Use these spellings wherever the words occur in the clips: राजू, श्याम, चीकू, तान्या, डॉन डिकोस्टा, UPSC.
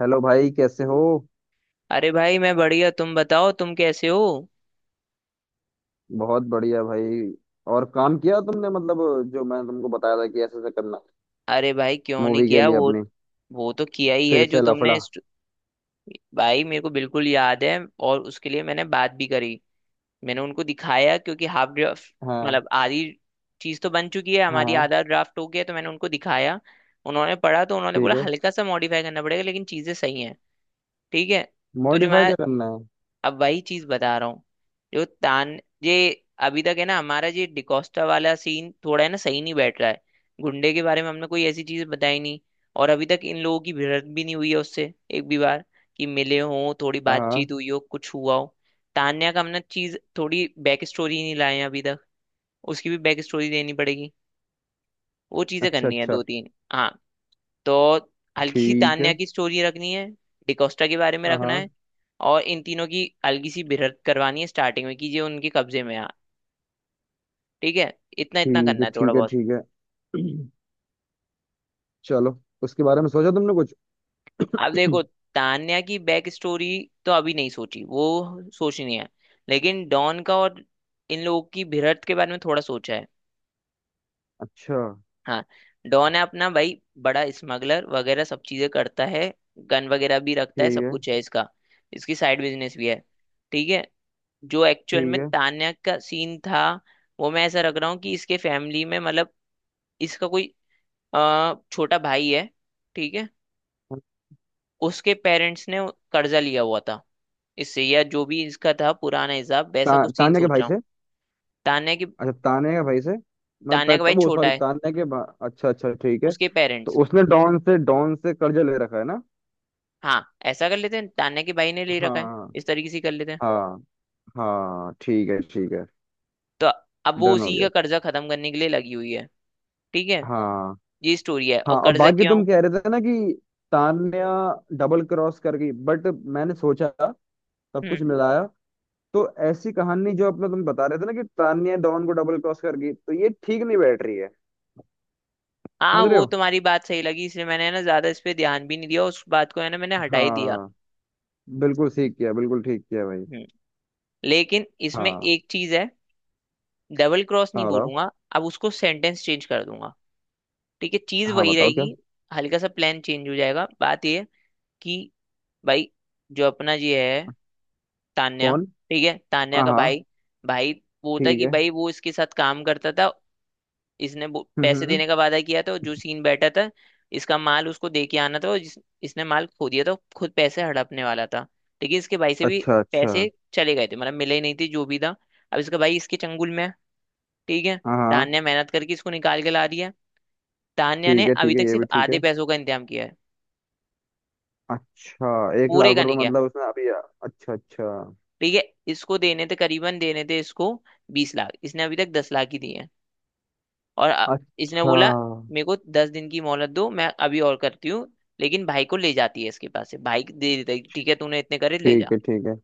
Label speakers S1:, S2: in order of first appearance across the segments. S1: Hello भाई, कैसे हो?
S2: अरे भाई, मैं बढ़िया। तुम बताओ, तुम कैसे हो?
S1: बहुत बढ़िया भाई। और काम किया तुमने? मतलब जो मैं तुमको बताया था कि ऐसे ऐसे करना,
S2: अरे भाई, क्यों नहीं
S1: मूवी के
S2: किया
S1: लिए
S2: वो।
S1: अपनी।
S2: वो तो किया ही
S1: फिर
S2: है जो
S1: से लफड़ा।
S2: तुमने भाई, मेरे को बिल्कुल याद है। और उसके लिए मैंने बात भी करी। मैंने उनको दिखाया क्योंकि हाफ ड्राफ्ट,
S1: हाँ
S2: मतलब आधी चीज तो बन चुकी है हमारी।
S1: हाँ,
S2: आधा ड्राफ्ट हो गया तो मैंने उनको दिखाया। उन्होंने पढ़ा तो उन्होंने
S1: ठीक
S2: बोला
S1: है।
S2: हल्का सा मॉडिफाई करना पड़ेगा, लेकिन चीजें सही हैं। ठीक है। तो जो
S1: मॉडिफाई
S2: मैं
S1: क्या करना है?
S2: अब वही चीज बता रहा हूँ। जो तान ये अभी तक है ना, हमारा ये डिकोस्टा वाला सीन थोड़ा है ना सही नहीं बैठ रहा है। गुंडे के बारे में हमने कोई ऐसी चीज बताई नहीं। और अभी तक इन लोगों की भिड़ंत भी नहीं हुई है उससे एक भी बार, कि मिले हों, थोड़ी
S1: हाँ हाँ।
S2: बातचीत हुई हो, कुछ हुआ हो। तान्या का हमने चीज थोड़ी बैक स्टोरी नहीं लाए हैं अभी तक। उसकी भी बैक स्टोरी देनी पड़ेगी। वो चीजें
S1: अच्छा
S2: करनी है
S1: अच्छा,
S2: दो तीन, हाँ। तो हल्की सी
S1: ठीक
S2: तान्या
S1: है।
S2: की स्टोरी रखनी है। डिकोस्टा के बारे में
S1: हाँ
S2: रखना है।
S1: हाँ।
S2: और इन तीनों की हल्की सी भिड़ंत करवानी है स्टार्टिंग में, कि ये उनके कब्जे में आ। ठीक है। इतना इतना
S1: ठीक
S2: करना
S1: है
S2: है, थोड़ा
S1: ठीक है
S2: बहुत।
S1: ठीक है। चलो, उसके बारे में सोचा तुमने कुछ?
S2: अब देखो, तान्या की बैक स्टोरी तो अभी नहीं सोची, वो सोचनी है। लेकिन डॉन का और इन लोगों की भिड़ंत के बारे में थोड़ा सोचा है।
S1: अच्छा,
S2: हाँ। डॉन है अपना भाई, बड़ा स्मगलर वगैरह सब चीजें करता है। गन वगैरह भी रखता है,
S1: ठीक
S2: सब
S1: है
S2: कुछ है इसका। इसकी साइड बिजनेस भी है। ठीक है। जो एक्चुअल
S1: ठीक
S2: में
S1: है।
S2: तान्या का सीन था, वो मैं ऐसा रख रहा हूँ कि इसके फैमिली में, मतलब इसका कोई छोटा भाई है। ठीक है। उसके पेरेंट्स ने कर्जा लिया हुआ था इससे, या जो भी इसका था पुराना हिसाब, वैसा कुछ सीन
S1: तान्या के
S2: सोच
S1: भाई
S2: रहा हूँ।
S1: से?
S2: तान्या की।
S1: अच्छा, तान्या के भाई से। मतलब
S2: तान्या का
S1: त, त,
S2: भाई
S1: वो
S2: छोटा
S1: सॉरी
S2: है।
S1: तान्या के अच्छा अच्छा, ठीक है।
S2: उसके
S1: तो
S2: पेरेंट्स।
S1: उसने डॉन से कर्जा ले रखा है ना?
S2: हाँ, ऐसा कर लेते हैं, तान्या के भाई ने ले रखा है।
S1: हाँ
S2: इस तरीके से कर लेते हैं।
S1: हाँ। हाँ, ठीक है ठीक है।
S2: तो अब वो
S1: डन हो
S2: उसी
S1: गया।
S2: का कर्जा खत्म करने के लिए लगी हुई है। ठीक है।
S1: हाँ
S2: ये स्टोरी है।
S1: हाँ।
S2: और
S1: और
S2: कर्जा
S1: बाकी तुम
S2: क्यों।
S1: कह रहे थे ना कि तान्या डबल क्रॉस कर गई बट मैंने सोचा, सब कुछ
S2: हम्म।
S1: मिलाया तो ऐसी कहानी, जो अपना तुम बता रहे थे ना कि तान्या डॉन को डबल क्रॉस कर गई, तो ये ठीक नहीं बैठ रही है।
S2: हाँ,
S1: समझ रहे
S2: वो
S1: हो?
S2: तुम्हारी बात सही लगी, इसलिए मैंने ना ज्यादा इस पे ध्यान भी नहीं दिया उस बात को, है ना, मैंने हटा ही दिया।
S1: हाँ, बिल्कुल ठीक किया, बिल्कुल ठीक किया भाई।
S2: हम्म। लेकिन इसमें
S1: हाँ।
S2: एक चीज है। डबल क्रॉस नहीं
S1: हाँ बताओ।
S2: बोलूंगा। अब उसको सेंटेंस चेंज कर दूंगा, ठीक है, चीज
S1: हाँ
S2: वही
S1: बताओ क्या?
S2: रहेगी। हल्का सा प्लान चेंज हो जाएगा। बात ये है कि भाई, जो अपना ये है, तान्या,
S1: कौन?
S2: ठीक है, तान्या
S1: हाँ
S2: का
S1: हाँ।
S2: भाई, भाई वो था
S1: ठीक
S2: कि
S1: है।
S2: भाई, वो इसके साथ काम करता था। इसने वो
S1: हम्म हम्म,
S2: पैसे
S1: हम्म।
S2: देने का वादा किया था, और जो सीन बैठा था, इसका माल उसको दे के आना था और इसने माल खो दिया था, खुद पैसे हड़पने वाला था। ठीक है। इसके भाई से भी
S1: अच्छा अच्छा।
S2: पैसे चले गए थे, मतलब मिले ही नहीं थे जो भी था। अब इसका भाई इसके चंगुल में है। ठीक है।
S1: हाँ हाँ,
S2: तान्या मेहनत करके इसको निकाल के ला रही है। तान्या ने
S1: ठीक है
S2: अभी
S1: ठीक है,
S2: तक
S1: ये भी
S2: सिर्फ
S1: ठीक
S2: आधे
S1: है।
S2: पैसों का इंतजाम किया है,
S1: अच्छा, एक
S2: पूरे
S1: लाख
S2: का नहीं
S1: रुपए
S2: किया।
S1: मतलब उसने अच्छा अच्छा।
S2: ठीक है। इसको देने थे करीबन, देने थे इसको 20 लाख। इसने अभी तक 10 लाख ही दिए हैं। और इसने
S1: अच्छा।
S2: बोला मेरे को 10 दिन की मोहलत दो, मैं अभी और करती हूँ। लेकिन भाई को ले जाती है इसके पास से, भाई दे देता है कि ठीक है, तूने इतने करे ले जा।
S1: ठीक है ठीक है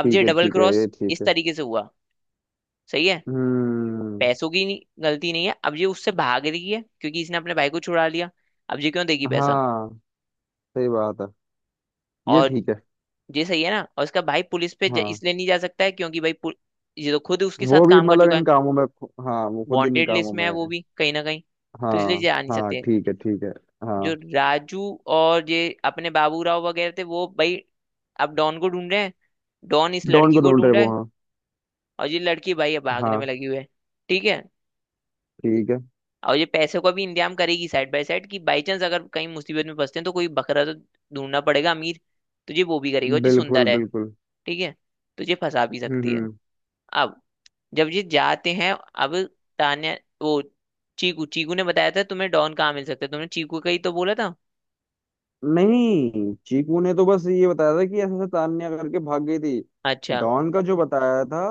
S2: अब ये
S1: है।
S2: डबल
S1: ठीक है, ये
S2: क्रॉस
S1: ठीक
S2: इस
S1: है।
S2: तरीके से हुआ। सही है।
S1: हम्म।
S2: पैसों की नहीं, गलती नहीं है। अब ये उससे भाग रही है क्योंकि इसने अपने भाई को छुड़ा लिया। अब ये क्यों देगी पैसा।
S1: हाँ, सही बात है। ये
S2: और
S1: ठीक है।
S2: ये सही है ना। और इसका भाई पुलिस पे
S1: हाँ,
S2: इसलिए नहीं जा सकता है क्योंकि ये तो खुद उसके
S1: वो
S2: साथ
S1: भी
S2: काम कर
S1: मतलब
S2: चुका
S1: इन
S2: है।
S1: कामों में खु- हाँ वो खुद इन
S2: वांटेड
S1: कामों
S2: लिस्ट में
S1: में
S2: है वो
S1: है।
S2: भी कहीं ना कहीं, तो इसलिए
S1: हाँ
S2: जा नहीं
S1: हाँ,
S2: सकते।
S1: ठीक है ठीक है। हाँ।
S2: जो राजू और ये अपने बाबूराव वगैरह थे वो भाई, अब डॉन को ढूंढ रहे हैं। डॉन इस
S1: डॉन
S2: लड़की
S1: को
S2: को
S1: ढूंढ रहे
S2: ढूंढ रहा
S1: वो,
S2: है।
S1: हाँ।
S2: और ये लड़की भाई अब भागने में
S1: हाँ,
S2: लगी हुई है। ठीक है।
S1: ठीक है।
S2: और ये पैसे का भी इंतजाम करेगी साइड बाय साइड, कि बाई चांस अगर कहीं मुसीबत में फंसते हैं तो कोई बकरा तो ढूंढना पड़ेगा अमीर। तो ये वो भी करेगा। और ये
S1: बिल्कुल
S2: सुंदर है,
S1: बिल्कुल।
S2: ठीक है, तो ये फंसा भी
S1: हम्म
S2: सकती है।
S1: हम्म।
S2: अब जब ये जाते हैं अब, तान्या, वो, चीकू चीकू ने बताया था तुम्हें डॉन कहाँ मिल सकता है, तुमने चीकू का ही तो बोला था।
S1: नहीं, चीकू ने तो बस ये बताया था कि ऐसे ऐसे तान्या करके भाग गई थी।
S2: अच्छा।
S1: डॉन का जो बताया था,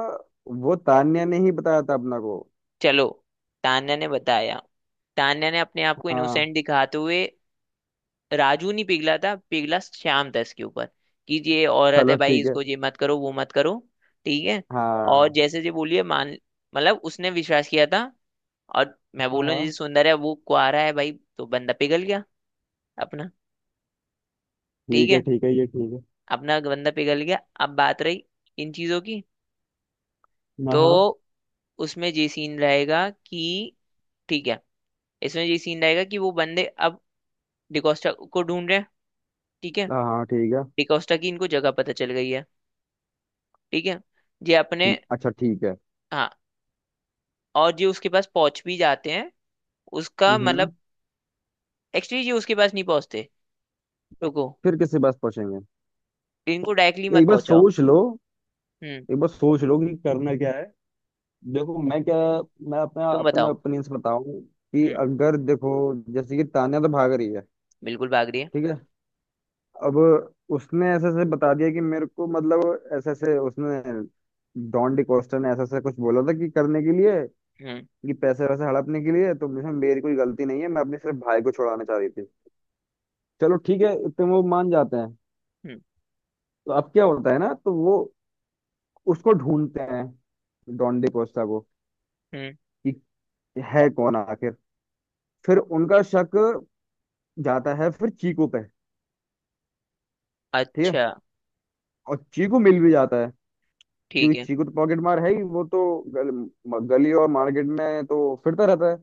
S1: वो तान्या ने ही बताया था अपना को।
S2: चलो, तान्या ने बताया। तान्या ने अपने आप को
S1: हाँ।
S2: इनोसेंट दिखाते हुए, राजू नहीं पिघला था, पिघला श्याम था इसके ऊपर। कि ये औरत है
S1: चलो,
S2: भाई,
S1: ठीक है।
S2: इसको ये मत करो वो मत करो। ठीक है। और
S1: हाँ
S2: जैसे जी बोलिए मान, मतलब उसने विश्वास किया था। और मैं
S1: हाँ।
S2: बोल रहा
S1: हाँ,
S2: हूँ, जैसे सुंदर है, वो कुआरा है भाई, तो बंदा पिघल गया अपना। ठीक
S1: ठीक है
S2: है।
S1: ठीक है, ये ठीक है।
S2: अपना बंदा पिघल गया। अब बात रही इन चीजों की।
S1: हाँ हाँ।
S2: तो उसमें ये सीन रहेगा कि, ठीक है, इसमें ये सीन रहेगा कि वो बंदे अब डिकोस्टा को ढूंढ रहे हैं। ठीक है।
S1: हाँ हाँ, ठीक है।
S2: डिकोस्टा की इनको जगह पता चल गई है। ठीक है। ये अपने,
S1: ठीक, अच्छा ठीक है।
S2: हाँ, और ये उसके पास पहुंच भी जाते हैं। उसका मतलब,
S1: हम्म।
S2: एक्चुअली ये उसके पास नहीं पहुंचते, रुको।
S1: फिर किसके पास पहुंचेंगे?
S2: इनको डायरेक्टली मत
S1: एक बार
S2: पहुंचाओ।
S1: सोच लो।
S2: हम्म।
S1: एक बार सोच लो कि करना क्या है। देखो मैं क्या, मैं अपना
S2: तुम
S1: अपना
S2: बताओ।
S1: ओपिनियन बताऊं कि
S2: हम्म।
S1: अगर देखो, जैसे कि तान्या तो भाग रही है।
S2: बिल्कुल भाग रही है।
S1: ठीक है। अब उसने ऐसे ऐसे बता दिया कि मेरे को, मतलब ऐसे ऐसे उसने, डॉन डिकोस्टा ने ऐसा ऐसा कुछ बोला था कि करने के लिए,
S2: हम्म।
S1: कि पैसे वैसे हड़पने के लिए, तो मुझे मेरी कोई गलती नहीं है, मैं अपने सिर्फ भाई को छुड़ाना चाह रही थी। चलो ठीक है, इतने वो मान जाते हैं।
S2: हम्म।
S1: तो अब क्या होता है ना, तो वो उसको ढूंढते हैं, डॉन डिकोस्टा को,
S2: हम्म।
S1: कि है कौन आखिर। फिर उनका शक जाता है फिर चीकू पे। ठीक है।
S2: अच्छा।
S1: और चीकू मिल भी जाता है, क्योंकि
S2: ठीक है।
S1: चीकू तो पॉकेट मार है ही, वो तो गली और मार्केट में तो फिरता रहता है।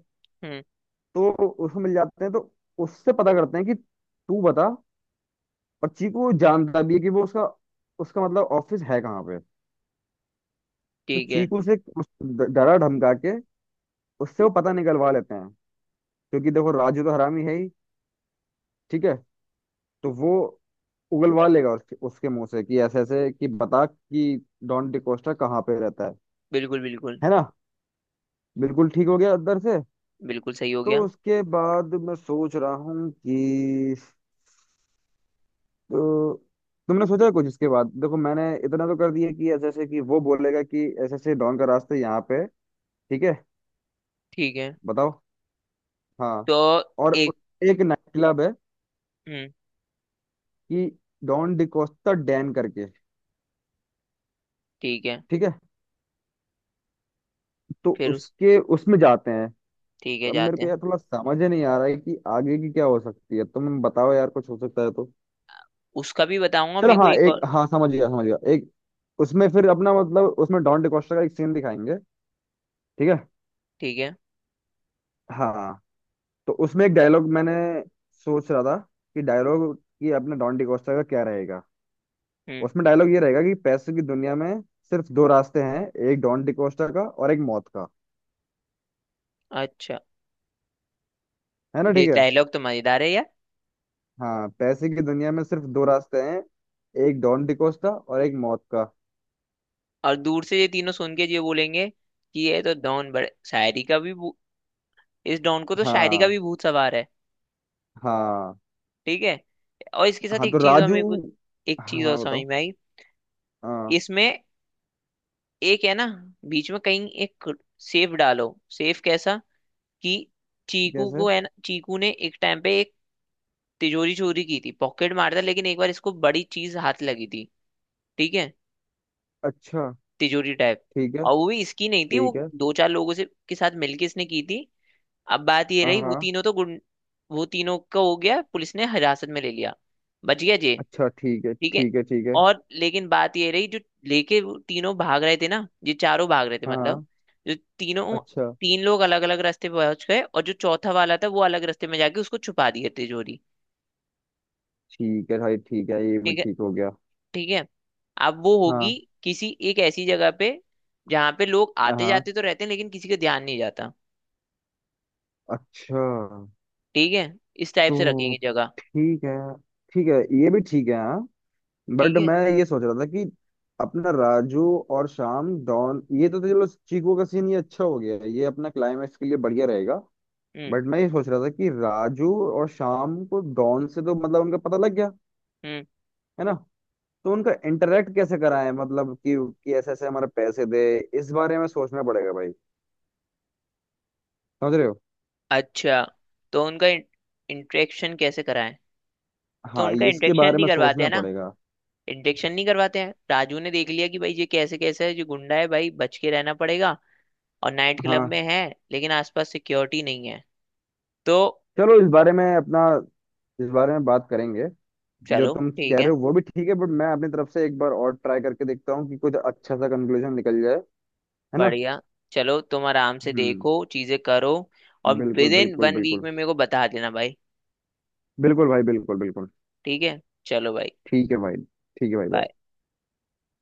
S2: हम्म।
S1: तो उसको मिल जाते हैं, तो उससे पता करते हैं कि तू बता। और चीकू जानता भी है कि वो उसका, उसका मतलब ऑफिस है कहाँ पे। तो
S2: ठीक है।
S1: चीकू से डरा धमका के उससे वो पता निकलवा लेते हैं, क्योंकि देखो राजू तो हरामी है ही। ठीक है। तो वो उगलवा लेगा उसके उसके मुंह से कि ऐसे ऐसे, कि बता कि डॉन डिकोस्टा कहाँ पे रहता है।
S2: बिल्कुल। बिल्कुल।
S1: है ना? बिल्कुल ठीक हो गया उधर से।
S2: बिल्कुल सही हो
S1: तो
S2: गया।
S1: उसके बाद मैं सोच रहा हूँ कि, तो तुमने सोचा है कुछ इसके बाद? देखो मैंने इतना तो कर दिया कि जैसे कि वो बोलेगा कि ऐसे ऐसे डॉन का रास्ता यहाँ पे है, ठीक है?
S2: ठीक है।
S1: बताओ। हाँ।
S2: तो
S1: और
S2: एक,
S1: उस- एक नाइट क्लब है
S2: हम्म,
S1: कि डॉन डिकोस्टा डैन करके।
S2: ठीक है,
S1: ठीक है। तो
S2: फिर उस,
S1: उसके उसमें जाते हैं।
S2: ठीक है,
S1: अब मेरे
S2: जाते
S1: को
S2: हैं।
S1: यार थोड़ा समझ ही नहीं आ रहा है कि आगे की क्या हो सकती है। तुम बताओ यार, कुछ हो सकता है तो।
S2: उसका भी बताऊंगा।
S1: चलो
S2: मेरे को
S1: हाँ,
S2: एक
S1: एक,
S2: और,
S1: हाँ समझ गया समझ गया। एक उसमें फिर अपना, मतलब उसमें डॉन डिकोस्टा का एक सीन दिखाएंगे। ठीक है।
S2: ठीक है,
S1: हाँ। तो उसमें एक डायलॉग मैंने सोच रहा था कि डायलॉग ये अपने डॉन डिकोस्टा का क्या रहेगा।
S2: हम्म,
S1: उसमें डायलॉग ये रहेगा कि पैसे की दुनिया में सिर्फ दो रास्ते हैं, एक डॉन डिकोस्टा का और एक मौत का।
S2: अच्छा,
S1: है ना,
S2: ये
S1: ठीक है?
S2: डायलॉग तो मजेदार है यार।
S1: हाँ, पैसे की दुनिया में सिर्फ दो रास्ते हैं, एक डॉन डिकोस्टा और एक मौत का।
S2: और दूर से ये तीनों सुन के ये बोलेंगे कि ये तो डॉन बड़े शायरी का भी इस डॉन को तो शायरी का
S1: हाँ
S2: भी भूत सवार है।
S1: हाँ।
S2: ठीक है। और इसके साथ
S1: हाँ तो
S2: एक चीज और
S1: राजू।
S2: मेरे को, एक चीज और
S1: हाँ
S2: समझ
S1: बताओ।
S2: में आई।
S1: हाँ।
S2: इसमें एक है ना, बीच में कहीं एक सेफ डालो। सेफ कैसा? कि चीकू
S1: कैसे?
S2: को है ना, चीकू ने एक टाइम पे एक तिजोरी चोरी की थी। पॉकेट मारता, लेकिन एक बार इसको बड़ी चीज हाथ लगी थी। ठीक है।
S1: अच्छा,
S2: तिजोरी टाइप।
S1: ठीक है
S2: और वो भी इसकी नहीं थी,
S1: ठीक
S2: वो
S1: है।
S2: दो चार लोगों से के साथ मिलके इसने की थी। अब बात ये
S1: हाँ
S2: रही, वो
S1: हाँ,
S2: तीनों तो गुंड वो तीनों का हो गया, पुलिस ने हिरासत में ले लिया। बच गया जे।
S1: अच्छा, ठीक है
S2: ठीक है।
S1: ठीक है ठीक है।
S2: और लेकिन बात ये रही, जो लेके वो तीनों भाग रहे थे ना, ये चारों भाग रहे थे, मतलब
S1: हाँ।
S2: जो तीनों,
S1: अच्छा,
S2: तीन लोग अलग अलग रास्ते पहुंच गए, और जो चौथा वाला था वो अलग रास्ते में जाके उसको छुपा दिया तिजोरी।
S1: ठीक है भाई, ठीक है, ये भी
S2: ठीक है।
S1: ठीक हो गया।
S2: ठीक है। अब वो होगी
S1: हाँ
S2: किसी एक ऐसी जगह पे जहां पे लोग आते
S1: हाँ।
S2: जाते तो रहते हैं, लेकिन किसी का ध्यान नहीं जाता।
S1: अच्छा।
S2: ठीक है। इस टाइप से
S1: तो
S2: रखेंगे जगह।
S1: ठीक है, ठीक है, ये भी ठीक है। हाँ,
S2: ठीक
S1: बट
S2: है।
S1: मैं ये सोच रहा था कि अपना राजू और श्याम डॉन, ये तो चलो चीकू का सीन ये अच्छा हो गया है, ये अपना क्लाइमैक्स के लिए बढ़िया रहेगा।
S2: हम्म।
S1: बट मैं ये सोच रहा था कि राजू और श्याम को डॉन से तो मतलब उनका पता लग गया।
S2: हम्म।
S1: है ना? तो उनका इंटरेक्ट कैसे कराएं? मतलब कि ऐसे ऐसे हमारे पैसे दे। इस बारे में सोचना पड़ेगा भाई। समझ रहे हो?
S2: अच्छा, तो उनका इंट्रेक्शन कैसे कराएं। तो
S1: हाँ,
S2: उनका
S1: इसके
S2: इंट्रेक्शन
S1: बारे
S2: नहीं
S1: में
S2: करवाते
S1: सोचना
S2: हैं ना।
S1: पड़ेगा।
S2: इंट्रेक्शन नहीं करवाते हैं। राजू ने देख लिया कि भाई ये कैसे कैसे है, जो गुंडा है भाई, बच के रहना पड़ेगा। और नाइट क्लब
S1: हाँ,
S2: में है, लेकिन आसपास सिक्योरिटी नहीं है। तो
S1: चलो इस बारे में अपना, इस बारे में बात करेंगे। जो
S2: चलो
S1: तुम कह
S2: ठीक
S1: रहे
S2: है।
S1: हो वो भी ठीक है, बट मैं अपनी तरफ से एक बार और ट्राई करके देखता हूँ कि कुछ अच्छा सा कंक्लूजन निकल जाए। है ना?
S2: बढ़िया। चलो, तुम आराम से
S1: हम्म।
S2: देखो, चीजें करो। और
S1: बिल्कुल
S2: विद इन
S1: बिल्कुल
S2: 1 वीक
S1: बिल्कुल।
S2: में मेरे को बता देना भाई।
S1: बिल्कुल भाई, बिल्कुल बिल्कुल।
S2: ठीक है। चलो भाई।
S1: ठीक है भाई, ठीक है भाई भाई।
S2: bye।